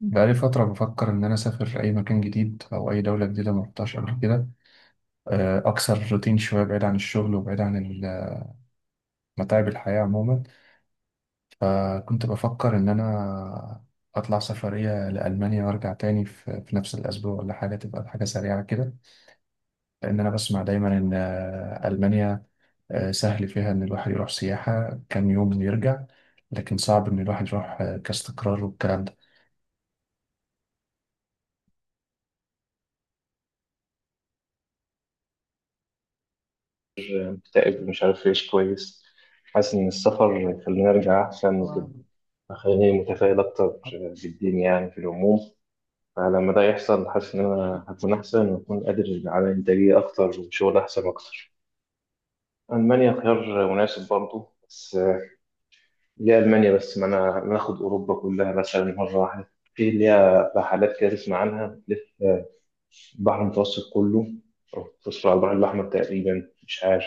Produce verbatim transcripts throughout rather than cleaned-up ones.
بقالي فترة بفكر إن أنا أسافر أي مكان جديد أو أي دولة جديدة ما رحتهاش قبل كده. آه، أكسر روتين شوية بعيد عن الشغل وبعيد عن ال- متاعب الحياة عموما. فكنت بفكر إن أنا أطلع سفرية لألمانيا وأرجع تاني في في نفس الأسبوع ولا حاجة تبقى حاجة سريعة كده. لأن أنا بسمع دايما إن آه، ألمانيا آه، سهل فيها إن الواحد يروح سياحة كام يوم ويرجع. لكن صعب إن الواحد يروح آه، كاستقرار والكلام ده. مكتئب، مش عارف أعيش كويس. حاسس إن السفر خليني أرجع أحسن وكده، خليني متفائل أكتر بالدين يعني في العموم. فلما ده يحصل حاسس إن أنا هكون أحسن وأكون قادر على إنتاجية أكتر وشغل أحسن أكتر. ألمانيا خيار مناسب برضه، بس ليه ألمانيا بس؟ ما أنا ما آخد أوروبا كلها مثلا مرة واحدة، في ليها رحلات كده تسمع عنها تلف البحر المتوسط كله، أو تصل على البحر الأحمر تقريبا، مش عارف.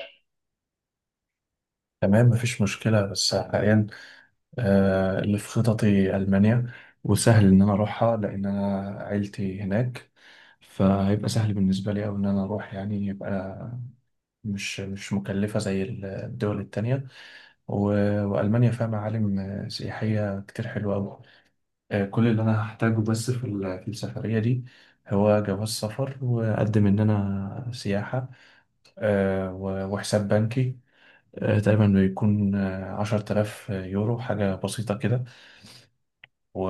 تمام، مفيش مشكلة، بس حاليا آه، اللي في خططي ألمانيا. وسهل إن أنا أروحها لأن أنا عيلتي هناك. فهيبقى سهل بالنسبة لي أوي إن أنا أروح، يعني يبقى مش مش مكلفة زي ال- الدول التانية. و- وألمانيا فيها معالم آه، سياحية كتير حلوة أوي. آه، كل اللي أنا هحتاجه بس في ال- في السفرية دي هو جواز سفر، وأقدم إن أنا سياحة، آه، و- وحساب بنكي آه، تقريبا بيكون عشرة آلاف يورو، حاجة بسيطة كده. و...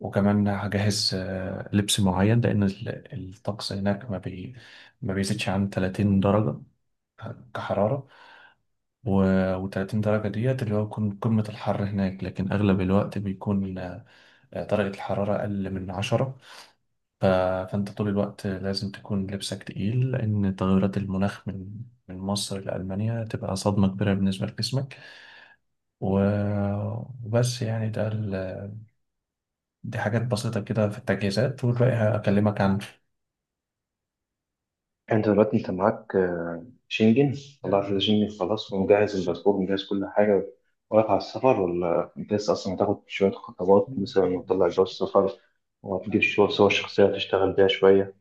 وكمان هجهز آه، لبس معين لأن ال- الطقس هناك ما بي... ما بيزيدش عن 30 درجة كحرارة. و... و30 درجة ديت اللي هو يكون قمة الحر هناك، لكن أغلب الوقت بيكون آه، درجة الحرارة أقل من عشرة. ف... فأنت طول الوقت لازم تكون لبسك تقيل، لأن تغيرات المناخ من من مصر لألمانيا تبقى صدمة كبيرة بالنسبة لجسمك. و... وبس يعني ده، دي حاجات بسيطة كده في التجهيزات، والباقي هكلمك عنه. انت دلوقتي انت معاك آه، شنجن؟ طلعت الشنجن خلاص ومجهز الباسبور ومجهز كل حاجة، واقف على السفر؟ ولا انت لسه اصلا هتاخد شوية خطوات مثلا وتطلع جواز السفر، وهتجيب شو- صور شخصية تشتغل بيها شوية،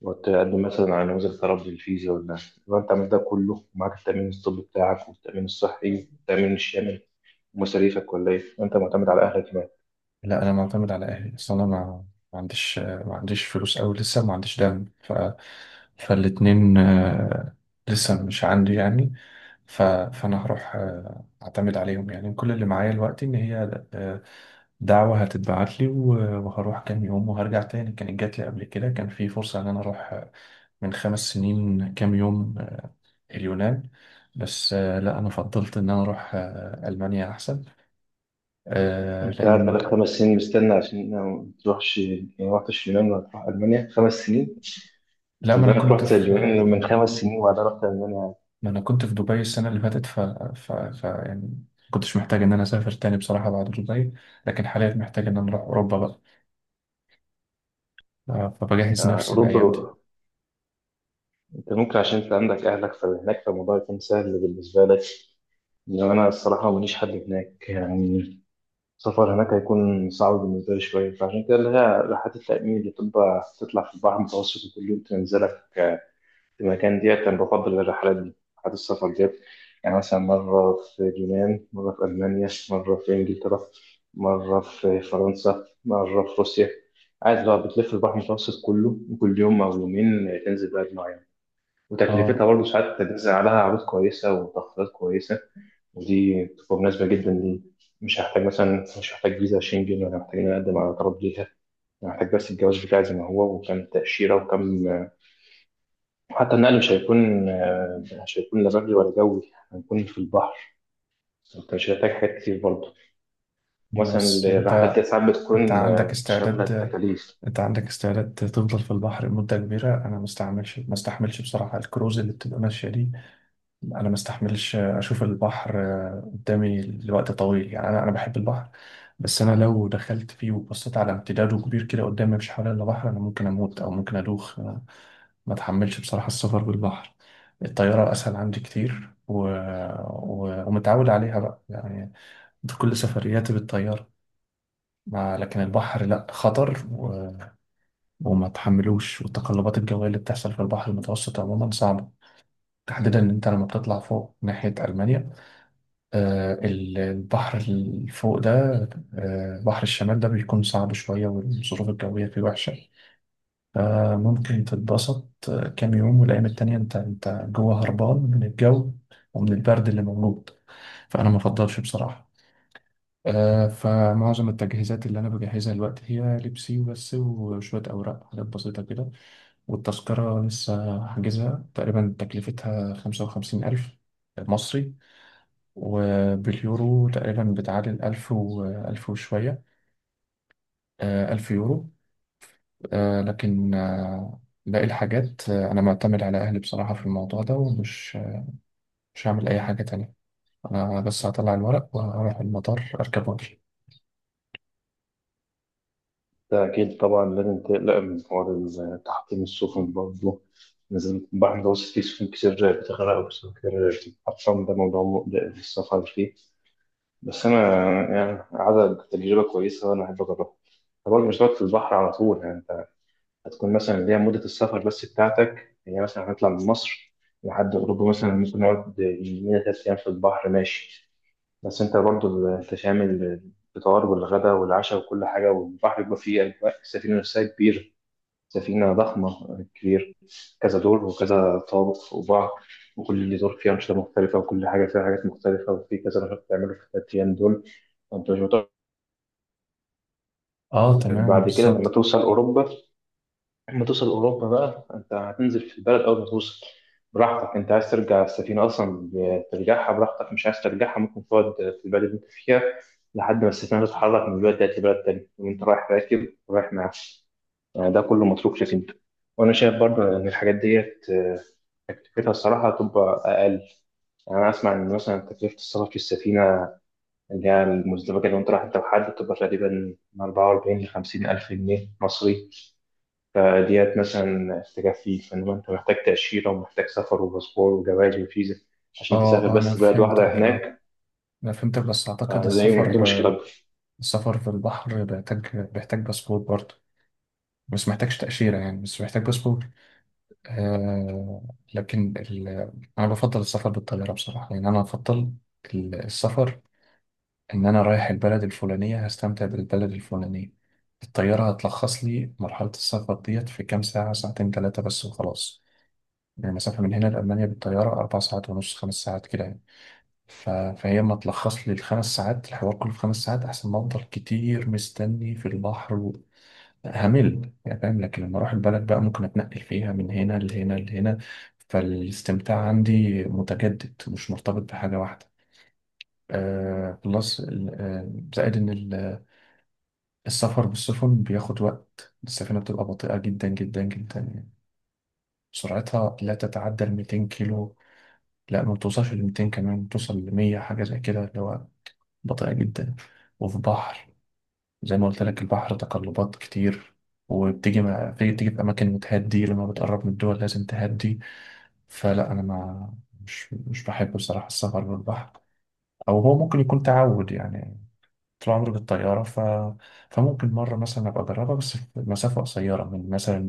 وتقدم مثلا على نموذج تربي الفيزا؟ ولا لو انت عملت ده كله ومعاك التأمين الطبي بتاعك والتأمين الصحي والتأمين الشامل ومصاريفك، ولا ايه، انت معتمد على اهلك كمان؟ لا، أنا معتمد على أهلي، أصل أنا ما ما عنديش ما عنديش فلوس أوي، لسه ما عنديش دم. ف... فالاتنين آه، لسه مش عندي يعني. ف... فأنا هروح آه، أعتمد عليهم، يعني كل اللي معايا دلوقتي إن هي آه، دعوة هتتبعت لي و- وهروح كام يوم وهرجع تاني. كانت جات لي قبل كده، كان في فرصة إن أنا أروح آه، من خمس سنين كام يوم اليونان. بس آه، لا، انا فضلت ان انا اروح آه، المانيا احسن. آه، انت قاعد لان بقالك خمس سنين مستني عشان ما تروحش؟ يعني ما رحتش اليونان ولا تروح ألمانيا خمس سنين؟ لا، من ما انا زمان كنت رحت في اليونان من خمس سنين وبعدها رحت ألمانيا. ما انا كنت في دبي السنه اللي فاتت. ف, ف... ف... يعني كنتش محتاج ان انا اسافر تاني بصراحه بعد دبي. لكن حاليا محتاج ان انا اروح اوروبا بقى. آه، أنت فبجهز نفسي أوروبا، الايام دي. أنت ممكن عشان أنت عندك أهلك فهناك فالموضوع يكون سهل بالنسبة لك، إنما أنا الصراحة ماليش حد هناك يعني. السفر هناك هيكون صعب بالنسبة لي شوية، فعشان كده اللي هي رحلات التأمين اللي بتبقى تطلع في البحر المتوسط وكل يوم تنزلك المكان ديت، أنا بفضل الرحلات دي، رحلات السفر ديت. يعني مثلا مرة في اليونان، مرة في ألمانيا، مرة في إنجلترا، مرة في فرنسا، مرة في روسيا. قاعد بقى بتلف البحر المتوسط كله وكل يوم أو يومين تنزل بلد معينة، اه. وتكلفتها برضه ساعات بتنزل عليها عروض كويسة وتخفيضات كويسة. ودي بتبقى مناسبة جدا لي. مش هحتاج مثلا مش هحتاج فيزا شنجن، ولا محتاجين أقدم على طلب ليها. أنا محتاج بس الجواز بتاعي زي ما هو وكم تأشيرة وكم. وحتى النقل مش هيكون آه، مش هيكون لا بري ولا جوي، هنكون في البحر. انت مش هتحتاج حاجات كتير برضه. مثلا بس الرحلات انت، دي ساعات انت بتكون عندك آه، شاملة استعداد التكاليف. انت عندك استعداد تفضل في البحر لمده كبيره؟ انا ما استعملش ما استحملش بصراحه الكروز اللي بتبقى ماشيه دي. انا ما استحملش اشوف البحر قدامي لوقت طويل، يعني انا انا بحب البحر، بس انا لو دخلت فيه وبصيت على امتداده كبير كده قدامي مفيش حواليا الا بحر، انا ممكن اموت او ممكن ادوخ. أنا ما اتحملش بصراحة السفر بالبحر. الطيارة اسهل عندي كتير و... و... ومتعود عليها بقى يعني، في كل سفرياتي بالطيارة. مع لكن البحر لا، خطر و... وما تحملوش، والتقلبات الجوية اللي بتحصل في البحر المتوسط عموما صعبة. تحديدا ان انت لما بتطلع فوق ناحية المانيا، آه، ال- البحر اللي فوق ده آه، بحر الشمال ده بيكون صعب شوية، والظروف الجوية فيه وحشة. فممكن تتبسط آه، كام يوم، والأيام التانية أنت أنت جوه هربان من الجو ومن البرد اللي موجود. فأنا ما أفضلش بصراحة. آه، فمعظم التجهيزات اللي أنا بجهزها الوقت هي لبسي وبس، وشوية أوراق، حاجات بسيطة كده. والتذكرة لسه حاجزها، تقريبا تكلفتها خمسة وخمسين ألف مصري، وباليورو تقريبا بتعادل ألف و ألف وشوية، آه، ألف يورو. آه، لكن آه، باقي الحاجات آه، أنا معتمد على أهلي بصراحة في الموضوع ده، ومش مش هعمل أي حاجة تانية. أنا بس هطلع الورق وهروح المطار، أركب وأمشي. ده أكيد طبعا لازم تقلق من حوار تحطيم السفن برضه، لازم، البحر المتوسط فيه سفن كتير بتغرق وسفن كتير بتتحطم، ده موضوع مقلق في السفر فيه. بس أنا يعني عدد تجربة كويسة وأنا أحب أجربها. طبعا مش هتقعد في البحر على طول يعني، هتكون مثلا اللي هي مدة السفر بس بتاعتك هي مثلا، هنطلع من مصر لحد أوروبا مثلا، ممكن نقعد يومين تلات أيام في البحر، ماشي، بس أنت برضو أنت شامل الفطار والغدا والعشاء وكل حاجة، والبحر بيبقى فيه أجواء السفينة نفسها كبيرة، سفينة ضخمة كبير، كذا دور وكذا طابق فوق بعض، وكل دور فيه أنشطة مختلفة وكل حاجة فيها حاجات مختلفة، وفي كذا نشاط بتعمله في التلات أيام دول، فأنت مش متوقع. أه، تمام بعد كده لما بالظبط. توصل أوروبا، لما توصل أوروبا بقى أنت هتنزل في البلد أول ما توصل، براحتك. أنت عايز ترجع السفينة أصلا، ترجعها براحتك، مش عايز ترجعها ممكن تقعد في البلد اللي أنت فيها لحد ما السفينة تتحرك من البلد ديت لبلد تاني، وأنت رايح راكب ورايح معاك. يعني ده كله متروك لك أنت. وأنا شايف برضه إن الحاجات ديت آه، تكلفتها الصراحة هتبقى أقل. يعني أنا أسمع إن مثلا تكلفة السفر في السفينة اللي هي المزدوجة، اللي أنت رايح أنت وحد، بتبقى تقريبا من أربعة وأربعين ل خمسين ألف جنيه مصري، فديت مثلا تكفي. فإنما أنت محتاج تأشيرة ومحتاج سفر وباسبور وجواز وفيزا أه. عشان تسافر آه، أنا بس بلد واحدة فهمتك، أه، هناك، أنا فهمتك. بس أعتقد فدي دي السفر مشكلة أكبر. السفر في البحر بيحتاج بيحتاج باسبور برضه، بس محتاجش تأشيرة، يعني بس محتاج باسبور. آه. لكن ال... أنا بفضل السفر بالطيارة بصراحة، لأن أنا بفضل ال- السفر إن أنا رايح البلد الفلانية هستمتع بالبلد الفلانية. الطيارة هتلخص لي مرحلة السفر ديت في كام ساعة، ساعتين، ثلاثة بس وخلاص. يعني المسافة من هنا لألمانيا بالطيارة أربع ساعات ونص، خمس ساعات كده يعني. ف... فهي ما تلخص لي الخمس ساعات، الحوار كله في خمس ساعات أحسن ما أفضل كتير مستني في البحر همل، يعني فاهم. لكن لما اروح البلد بقى ممكن اتنقل فيها من هنا لهنا لهنا، فالاستمتاع عندي متجدد مش مرتبط بحاجة واحدة. آه، بلس ال- آه، زائد ان ال- السفر بالسفن بياخد وقت، السفينة بتبقى بطيئة جدا جدا جدا يعني، سرعتها لا تتعدى ال مائتين كيلو. لا، ما توصلش ل مئتين، كمان توصل ل مية، حاجة زي كده اللي هو بطيئة جدا. وفي بحر، زي ما قلت لك البحر تقلبات كتير، وبتيجي مع... بتيجي بتيجي في أماكن بتهدي، لما بتقرب من الدول لازم تهدي. فلا أنا ما مش مش بحب بصراحة السفر بالبحر. أو هو ممكن يكون تعود، يعني طول عمري بالطيارة. ف... فممكن مرة مثلا أبقى أجربها، بس في مسافة قصيرة، من مثلا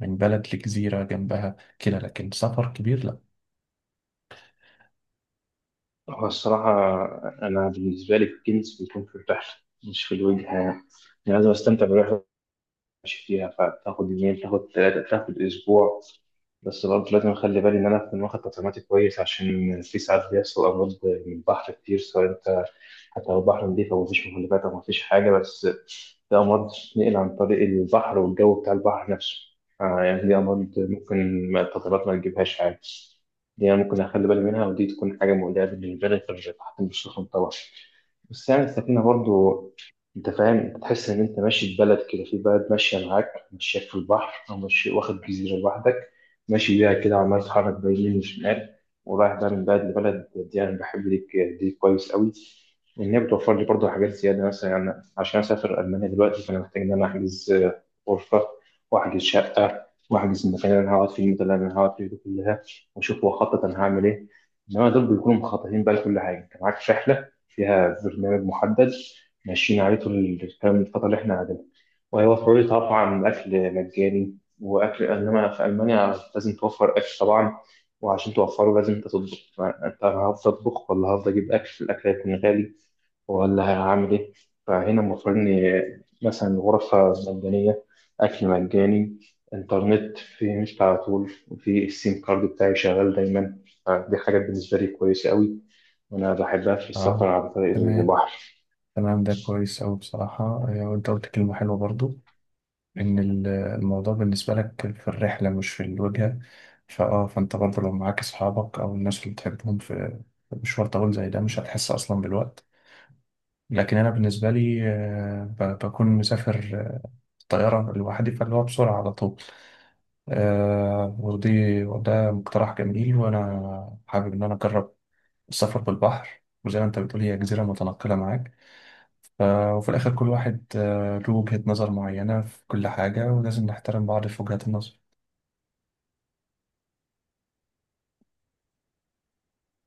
من بلد لجزيرة جنبها كده، لكن سفر كبير لا. هو الصراحة أنا بالنسبة لي الكنز بيكون في الرحلة مش في الوجهة يعني، أنا لازم أستمتع بالرحلة، ماشي فيها، فتاخد يومين تاخد ثلاثة تاخد أسبوع، بس برضه لازم أخلي بالي إن أنا أكون واخد تطعيماتي كويس، عشان في ساعات بيحصل أمراض من البحر كتير سواء أنت، حتى لو البحر نضيف أو مفيش مخلفات أو مفيش حاجة، بس في أمراض بتتنقل عن طريق البحر والجو بتاع البحر نفسه. آه يعني دي أمراض ممكن ما- التطعيمات ما تجيبهاش عادي. دي أنا ممكن أخلي بالي منها، ودي تكون حاجة مقلقة بالنسبة لي في تحت السخن طبعا. بس يعني السفينة برضو، أنت فاهم، أنت تحس إن أنت ماشي في بلد كده، في بلد ماشية معاك ماشياك في البحر، أو ماشي واخد جزيرة لوحدك ماشي بيها كده، وعمال تتحرك بين يمين وشمال ورايح بقى من بلد لبلد، دي أنا بحب دي دي كويس قوي. إن هي بتوفر لي برضو حاجات زيادة مثلا، يعني عشان أسافر ألمانيا دلوقتي فأنا محتاج إن أنا أحجز آه، غرفة، وأحجز شقة، وأحجز المكان اللي أنا هقعد فيه، المدة اللي أنا هقعد فيه دي كلها، واشوف هو خطط انا هعمل ايه. انما دول بيكونوا مخططين بقى لكل حاجه، انت معاك رحله فيها برنامج محدد ماشيين عليه طول الكلام الفتره اللي احنا قاعدين، وهيوفروا لي طبعا اكل مجاني واكل، انما في المانيا لازم توفر اكل طبعا، وعشان توفره لازم انت تطبخ، فانت هفضل اطبخ؟ ولا هفضل اجيب اكل؟ الاكل هيكون غالي، ولا هعمل إيه؟ فهنا المفروض إن مثلا غرفة مجانية، أكل مجاني، إنترنت في مش على طول، وفي السيم كارد بتاعي شغال دايما. فدي حاجات بالنسبة لي كويسة أوي وأنا بحبها في السفر اه، عن طريق تمام. البحر. تمام، ده كويس أوي بصراحة. آه، وأنت قلت كلمة حلوة برضو، ان ال- الموضوع بالنسبة لك في الرحلة مش في الوجهة. فاه فانت برضه لو معاك اصحابك او الناس اللي بتحبهم في في مشوار طويل زي ده مش هتحس اصلا بالوقت. لكن انا بالنسبة لي، آه، ب- بكون مسافر آه، طيارة لوحدي، فاللي هو بسرعة على طول. آه، ودي وده مقترح جميل، وانا حابب ان انا اجرب السفر بالبحر، وزي ما انت بتقول هي جزيرة متنقلة معاك. ف- وفي الاخر كل واحد آه، له وجهة نظر معينة في كل حاجة، ولازم نحترم بعض في وجهات النظر.